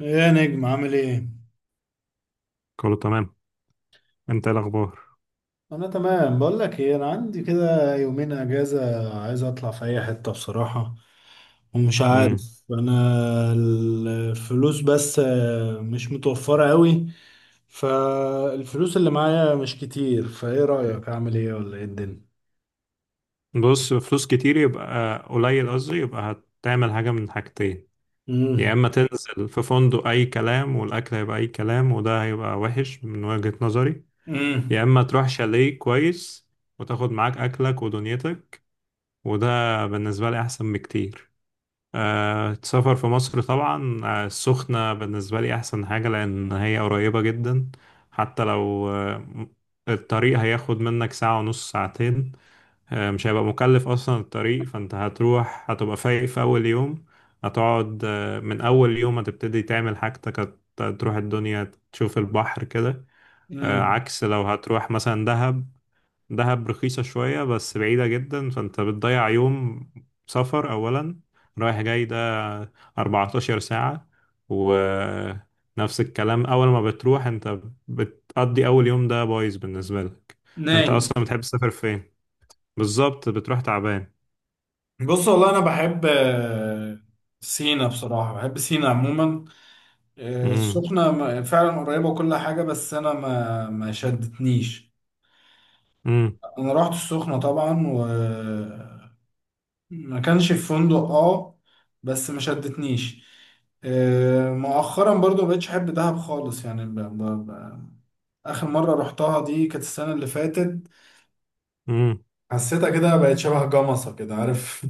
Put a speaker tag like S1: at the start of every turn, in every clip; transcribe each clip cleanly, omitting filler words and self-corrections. S1: يا نجم عامل ايه؟
S2: كله تمام. انت ايه الاخبار؟
S1: انا تمام، بقول لك ايه، انا عندي كده يومين اجازة عايز اطلع في اي حتة بصراحة، ومش
S2: امم.
S1: عارف انا. الفلوس بس مش متوفرة قوي. فالفلوس اللي معايا مش كتير، فايه رأيك اعمل ايه ولا ايه الدنيا؟
S2: بص، فلوس كتير يبقى قليل، قصدي يبقى هتعمل حاجه من حاجتين. يا
S1: امم.
S2: اما تنزل في فندق اي كلام والاكل هيبقى اي كلام وده هيبقى وحش من وجهه نظري، يا
S1: امم.
S2: اما تروح شاليه كويس وتاخد معاك اكلك ودنيتك، وده بالنسبه لي احسن بكتير. أه السفر في مصر طبعا، السخنه بالنسبه لي احسن حاجه لان هي قريبه جدا. حتى لو الطريق هياخد منك ساعه ونص ساعتين، مش هيبقى مكلف اصلا الطريق. فانت هتروح هتبقى فايق في اول يوم، هتقعد من اول يوم هتبتدي تعمل حاجتك، تروح الدنيا تشوف البحر كده.
S1: امم.
S2: عكس لو هتروح مثلا دهب. دهب رخيصة شوية بس بعيدة جدا، فانت بتضيع يوم سفر اولا. رايح جاي ده 14 ساعة. ونفس الكلام، اول ما بتروح انت بتقضي اول يوم ده بايظ بالنسبة لك. انت
S1: نايم.
S2: اصلا بتحب تسافر فين؟ بالظبط بتروح تعبان.
S1: بص، والله انا بحب سينا، بصراحة بحب سينا عموما.
S2: امم.
S1: السخنة فعلا قريبة وكل حاجة، بس أنا ما شدتنيش.
S2: امم.
S1: أنا رحت السخنة طبعا و ما كانش في فندق، اه. بس ما شدتنيش. مؤخرا برضو ما بقتش أحب دهب خالص، يعني ب... آخر مرة رحتها دي كانت السنة اللي فاتت.
S2: امم.
S1: حسيتها كده بقت شبه جمصة كده، عارف.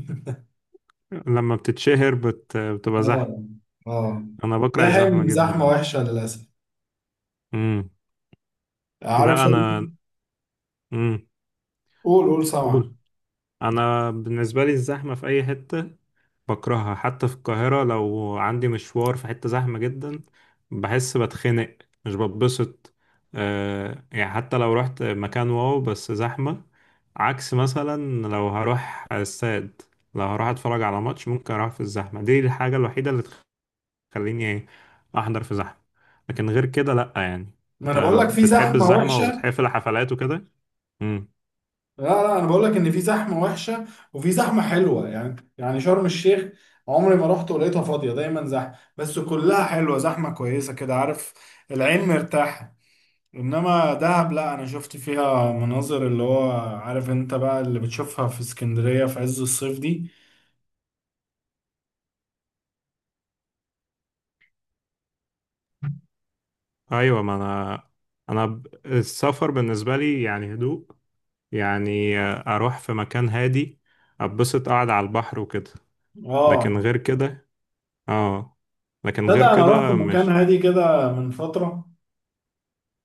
S2: لما بتتشهر بتبقى زحمة.
S1: اه، اه.
S2: انا بكره الزحمة جدا
S1: زحمة
S2: بقى.
S1: وحشة للأسف.
S2: امم.
S1: عارف
S2: لا انا. امم.
S1: قول، قول، سمع.
S2: قول. انا بالنسبة لي الزحمة في اي حتة بكرهها، حتى في القاهرة لو عندي مشوار في حتة زحمة جدا بحس بتخنق، مش بتبسط. أه يعني حتى لو رحت مكان واو بس زحمة. عكس مثلا لو هروح استاد، لو هروح اتفرج على ماتش ممكن اروح في الزحمة دي. الحاجة الوحيدة اللي خليني احضر في زحمه. لكن غير كده لا يعني.
S1: ما
S2: انت
S1: أنا بقول لك في
S2: بتحب
S1: زحمة
S2: الزحمه
S1: وحشة.
S2: وبتحب الحفلات وكده؟ امم.
S1: لا، لا، انا بقول لك ان في زحمه وحشه وفي زحمه حلوه، يعني، يعني شرم الشيخ عمري ما رحت ولقيتها فاضيه، دايما زحمه بس كلها حلوه، زحمه كويسه كده، عارف. العين مرتاحه. انما دهب، لا، انا شفت فيها مناظر اللي هو عارف انت بقى اللي بتشوفها في اسكندريه في عز الصيف دي.
S2: ايوه ما انا السفر بالنسبه لي يعني هدوء، يعني اروح في مكان هادي، اتبسط قاعد على البحر وكده. لكن
S1: اه.
S2: غير كده اه، لكن
S1: تصدق
S2: غير
S1: انا رحت
S2: كده
S1: مكان
S2: مش...
S1: هادي كده من فتره،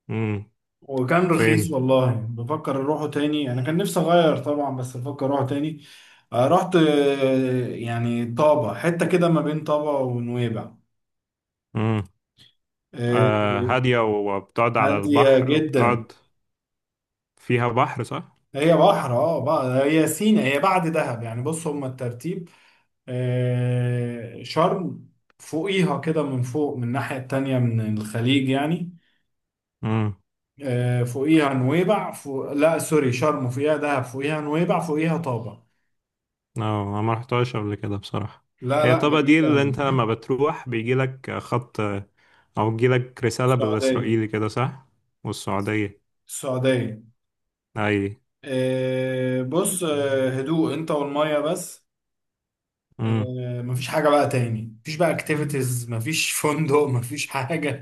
S2: امم.
S1: وكان
S2: فين؟
S1: رخيص والله، بفكر اروحه تاني، انا كان نفسي اغير طبعا بس بفكر اروحه تاني. رحت، يعني طابة، حتة كده ما بين طابة ونويبع.
S2: امم.
S1: آه،
S2: آه هاديه وبتقعد على
S1: هادية
S2: البحر
S1: جدا.
S2: وبتقعد. فيها بحر صح؟
S1: هي بحر، بقى هي سينا، هي بعد دهب يعني. بص، هما الترتيب: شرم، فوقيها كده من فوق من الناحية التانية من الخليج يعني. فوقيها نويبع، فوق، لا سوري، شرم فوقيها دهب، فوقيها نويبع، فوقيها طابة.
S2: اه انا ما رحتهاش قبل كده بصراحة.
S1: لا،
S2: هي
S1: لا،
S2: الطبقة دي اللي
S1: جميلة.
S2: انت لما بتروح بيجي لك خط او بيجي لك رسالة
S1: السعودية.
S2: بالاسرائيلي كده صح؟ والسعودية.
S1: السعودية.
S2: اي.
S1: بص، هدوء انت والمية بس.
S2: امم.
S1: مفيش حاجة بقى تاني، مفيش بقى اكتيفيتيز، مفيش فندق مفيش حاجة.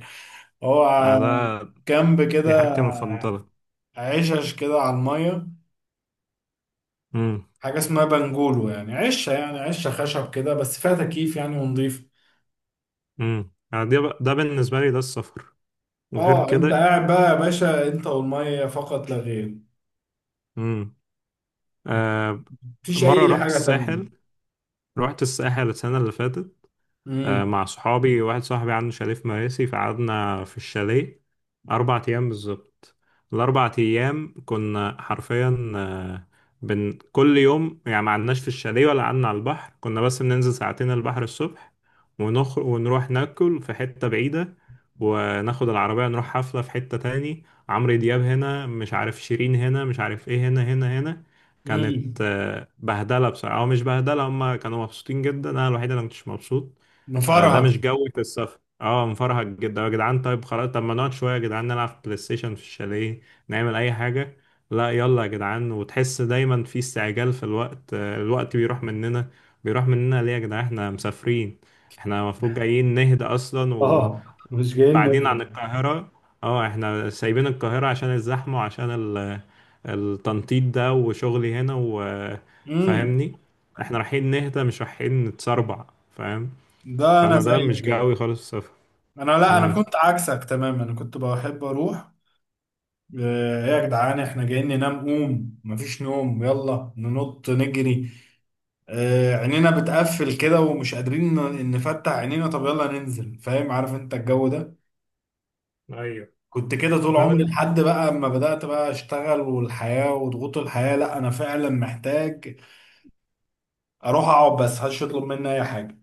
S1: هو
S2: ده.
S1: كامب كده،
S2: دي حاجتي المفضلة.
S1: عشش كده على المية.
S2: امم.
S1: حاجة اسمها بنجولو، يعني عشة، يعني عشة خشب كده بس فيها تكييف يعني، ونضيف.
S2: امم. ده بالنسبة لي ده السفر. غير
S1: اه انت
S2: كده.
S1: قاعد بقى يا باشا، انت والمية فقط لا غير.
S2: امم. آه.
S1: مفيش
S2: مرة
S1: اي
S2: رحت
S1: حاجة
S2: الساحل،
S1: تانية.
S2: رحت الساحل السنة اللي فاتت
S1: امم.
S2: مع صحابي، واحد صاحبي عنده شاليه في مراسي، فقعدنا في الشاليه 4 أيام بالظبط. الأربع أيام كنا حرفيا آه، بن كل يوم، يعني ما قعدناش في الشاليه ولا قعدنا على البحر، كنا بس بننزل ساعتين البحر الصبح، ونخرج ونروح ناكل في حتة بعيدة، وناخد العربية نروح حفلة في حتة تاني. عمرو دياب هنا مش عارف، شيرين هنا مش عارف ايه، هنا هنا هنا. كانت
S1: امم.
S2: بهدلة بصراحة، أو مش بهدلة، هما كانوا مبسوطين جدا، أنا الوحيد اللي مكنتش مبسوط. ده
S1: نفرهد.
S2: مش جو في السفر. اه مفرهد جدا يا جدعان، طيب خلاص، طب ما نقعد شويه يا جدعان نلعب بلاي ستيشن في الشاليه، نعمل اي حاجه. لا يلا يا جدعان. وتحس دايما في استعجال في الوقت، الوقت بيروح مننا، بيروح مننا ليه يا جدعان؟ احنا مسافرين، احنا المفروض جايين نهدى اصلا.
S1: اه مش جايين
S2: وبعدين
S1: نظرة.
S2: عن القاهره، اه احنا سايبين القاهره عشان الزحمه وعشان التنطيط ده وشغلي هنا
S1: امم.
S2: وفاهمني. احنا رايحين نهدى مش رايحين نتسربع، فاهم.
S1: ده انا
S2: فانا ده
S1: زيك
S2: مش
S1: كده.
S2: جاوي خالص في السفر.
S1: لا، انا
S2: امم.
S1: كنت عكسك تماما، انا كنت بحب اروح. ايه يا جدعان احنا جايين ننام، قوم مفيش نوم، يلا ننط نجري، عينينا بتقفل كده ومش قادرين نفتح عينينا، طب يلا ننزل، فاهم عارف انت الجو ده.
S2: ايوه
S1: كنت كده طول
S2: ده
S1: عمري،
S2: بن...
S1: لحد بقى اما بدأت بقى اشتغل والحياة وضغوط الحياة، لا انا فعلا محتاج اروح اقعد بس محدش يطلب مني اي حاجة.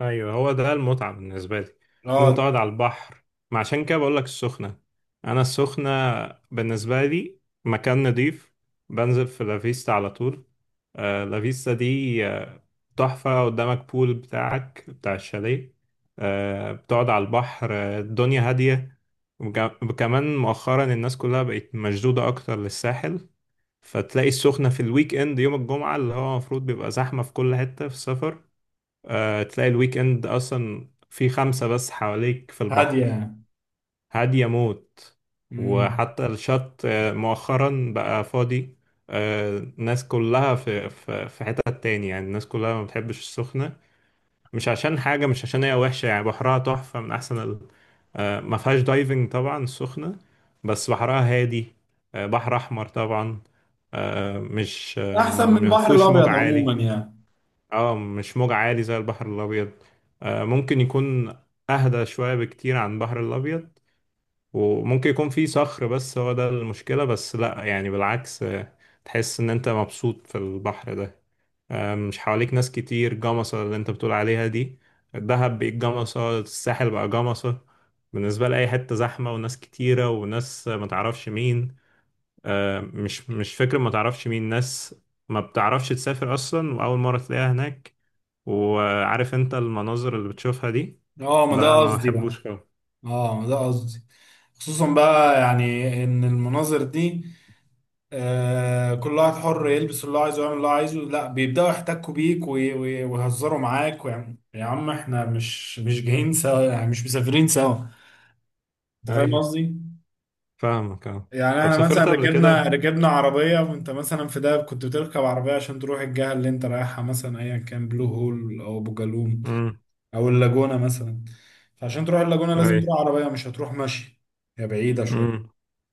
S2: ايوه هو ده المتعه بالنسبه لي، ان انت
S1: اقعد.
S2: قاعد على البحر. ما عشان كده بقول لك السخنه. انا السخنه بالنسبه لي مكان نضيف. بنزل في لافيستا على طول. آه لافيستا دي تحفه. قدامك بول بتاعك بتاع الشاليه، آه بتقعد على البحر. الدنيا هاديه. وكمان مؤخرا الناس كلها بقت مشدوده اكتر للساحل. فتلاقي السخنة في الويك اند يوم الجمعة اللي هو المفروض بيبقى زحمة في كل حتة في السفر، آه تلاقي الويك اند أصلا في 5 بس حواليك في
S1: هادية
S2: البحر.
S1: يعني.
S2: هادية موت.
S1: مم.
S2: وحتى الشط مؤخرا بقى فاضي. آه الناس كلها في حتة تاني، يعني الناس كلها ما بتحبش السخنة، مش عشان حاجة، مش عشان هي وحشة، يعني بحرها تحفة من أحسن ال... آه ما فيهاش دايفنج طبعا السخنة، بس بحرها هادي، آه بحر أحمر طبعا. آه مش آه ما
S1: احسن من
S2: ما
S1: البحر
S2: فيهوش موج
S1: الابيض
S2: عالي.
S1: عموما يعني.
S2: اه مش موج عالي زي البحر الابيض. آه ممكن يكون اهدى شوية بكتير عن البحر الابيض، وممكن يكون فيه صخر بس هو ده المشكلة. بس لا يعني بالعكس، آه تحس ان انت مبسوط في البحر ده. آه مش حواليك ناس كتير. جمصة اللي انت بتقول عليها دي، الدهب بقت جمصة، الساحل بقى جمصة. بالنسبة لأي حتة زحمة وناس كتيرة وناس ما تعرفش مين. مش فكرة ما تعرفش مين ناس، ما بتعرفش تسافر أصلا وأول مرة تلاقيها هناك. وعارف أنت المناظر اللي بتشوفها دي،
S1: اه، ما
S2: ده
S1: ده
S2: أنا ما
S1: قصدي بقى.
S2: بحبوش خالص.
S1: اه، ما ده قصدي. خصوصا بقى يعني، ان المناظر دي، كل واحد حر يلبس اللي هو عايزه ويعمل اللي هو عايزه، لا بيبداوا يحتكوا بيك ويهزروا معاك، ويعني يا عم احنا مش جايين سوا، يعني مش مسافرين سوا. انت فاهم
S2: أيوه،
S1: قصدي؟
S2: فاهمك أه.
S1: يعني
S2: طب
S1: احنا مثلا
S2: سافرت قبل كده؟
S1: ركبنا عربيه، وانت مثلا في دهب كنت بتركب عربيه عشان تروح الجهه اللي انت رايحها، مثلا ايا كان بلو هول او ابو جالوم
S2: أمم.
S1: او اللاجونة مثلا. فعشان تروح اللاجونة لازم
S2: أيوه.
S1: تروح عربية، مش هتروح ماشي، هي بعيدة شوية.
S2: أمم.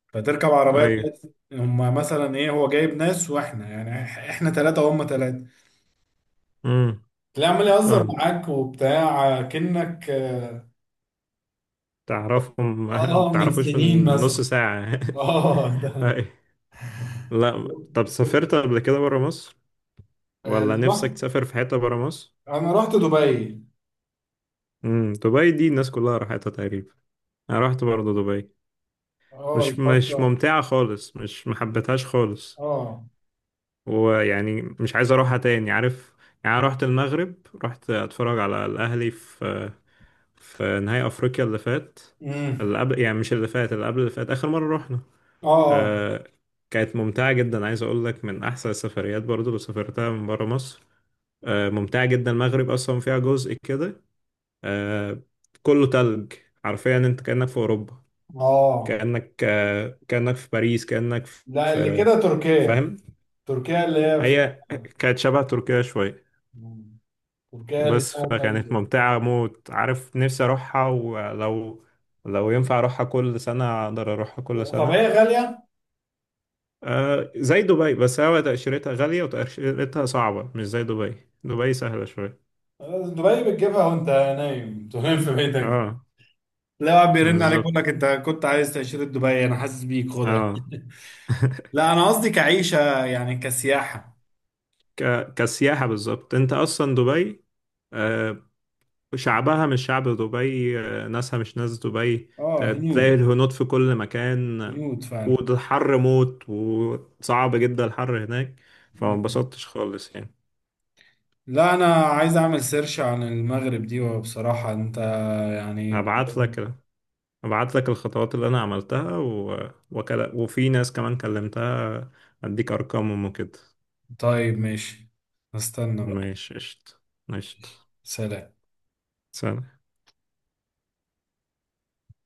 S1: فتركب عربية
S2: أيوه.
S1: تلاقي هما مثلا ايه، هو جايب ناس واحنا، يعني احنا ثلاثة وهم ثلاثة.
S2: أمم.
S1: تلاقيه عمال يهزر
S2: فاهم.
S1: معاك وبتاع كأنك
S2: تعرفهم
S1: من
S2: تعرفوش
S1: سنين
S2: من
S1: مثلا.
S2: نص ساعة.
S1: اه، ده.
S2: أيوه. لا طب سافرت قبل كده برا مصر
S1: آه،
S2: ولا
S1: رحت
S2: نفسك تسافر في حتة برا مصر؟
S1: انا رحت دبي.
S2: أمم دبي دي الناس كلها راحتها تقريبا، أنا رحت برضه دبي،
S1: اه
S2: مش مش
S1: الفترة.
S2: ممتعة خالص، مش محبتهاش خالص.
S1: اه.
S2: ويعني مش عايز أروحها تاني عارف. يعني أنا رحت المغرب، رحت أتفرج على الأهلي في في نهائي أفريقيا اللي فات،
S1: امم.
S2: اللي قبل يعني، مش اللي فات، اللي قبل اللي فات. آخر مرة رحنا
S1: اه.
S2: آه كانت ممتعة جدا، عايز أقول لك من أحسن السفريات برضو اللي سافرتها من برا مصر. آه ممتعة جدا. المغرب أصلا فيها جزء كده آه كله تلج، حرفيا أنت كأنك في أوروبا،
S1: اه.
S2: كأنك كأنك في باريس، كأنك
S1: لا، اللي
S2: في...
S1: كده تركيا،
S2: فاهم.
S1: تركيا اللي هي في،
S2: هي كانت شبه تركيا شوية،
S1: تركيا اللي
S2: بس
S1: فيها تلج.
S2: فكانت ممتعة موت عارف. نفسي أروحها ولو، لو ينفع أروحها كل سنة أقدر أروحها كل
S1: طب
S2: سنة.
S1: هي غالية؟
S2: آه زي دبي، بس هو تأشيرتها غالية وتأشيرتها صعبة، مش زي دبي، دبي سهلة شوية.
S1: دبي بتجيبها وانت نايم. أنت نايم في بيتك،
S2: اه
S1: لا، واحد بيرن عليك يقول
S2: بالظبط
S1: لك انت كنت عايز تأشيرة دبي، انا حاسس بيك، خدها.
S2: اه.
S1: لا، انا قصدي كعيشة، يعني كسياحة.
S2: كسياحة بالظبط. انت اصلا دبي آه، شعبها مش شعب دبي، ناسها مش ناس دبي.
S1: اه،
S2: تلاقي
S1: هنود.
S2: الهنود في كل مكان.
S1: هنود فعلا.
S2: والحر موت وصعب جدا الحر هناك، فما
S1: م-
S2: انبسطتش خالص يعني.
S1: لا، انا عايز اعمل سيرش عن المغرب دي، وبصراحة انت يعني.
S2: هبعت لك، هبعت لك الخطوات اللي انا عملتها وفي ناس كمان كلمتها، اديك ارقامهم وكده.
S1: طيب ماشي، استنى بقى.
S2: ماشي قشطة. قشطة.
S1: سلام.
S2: سلام.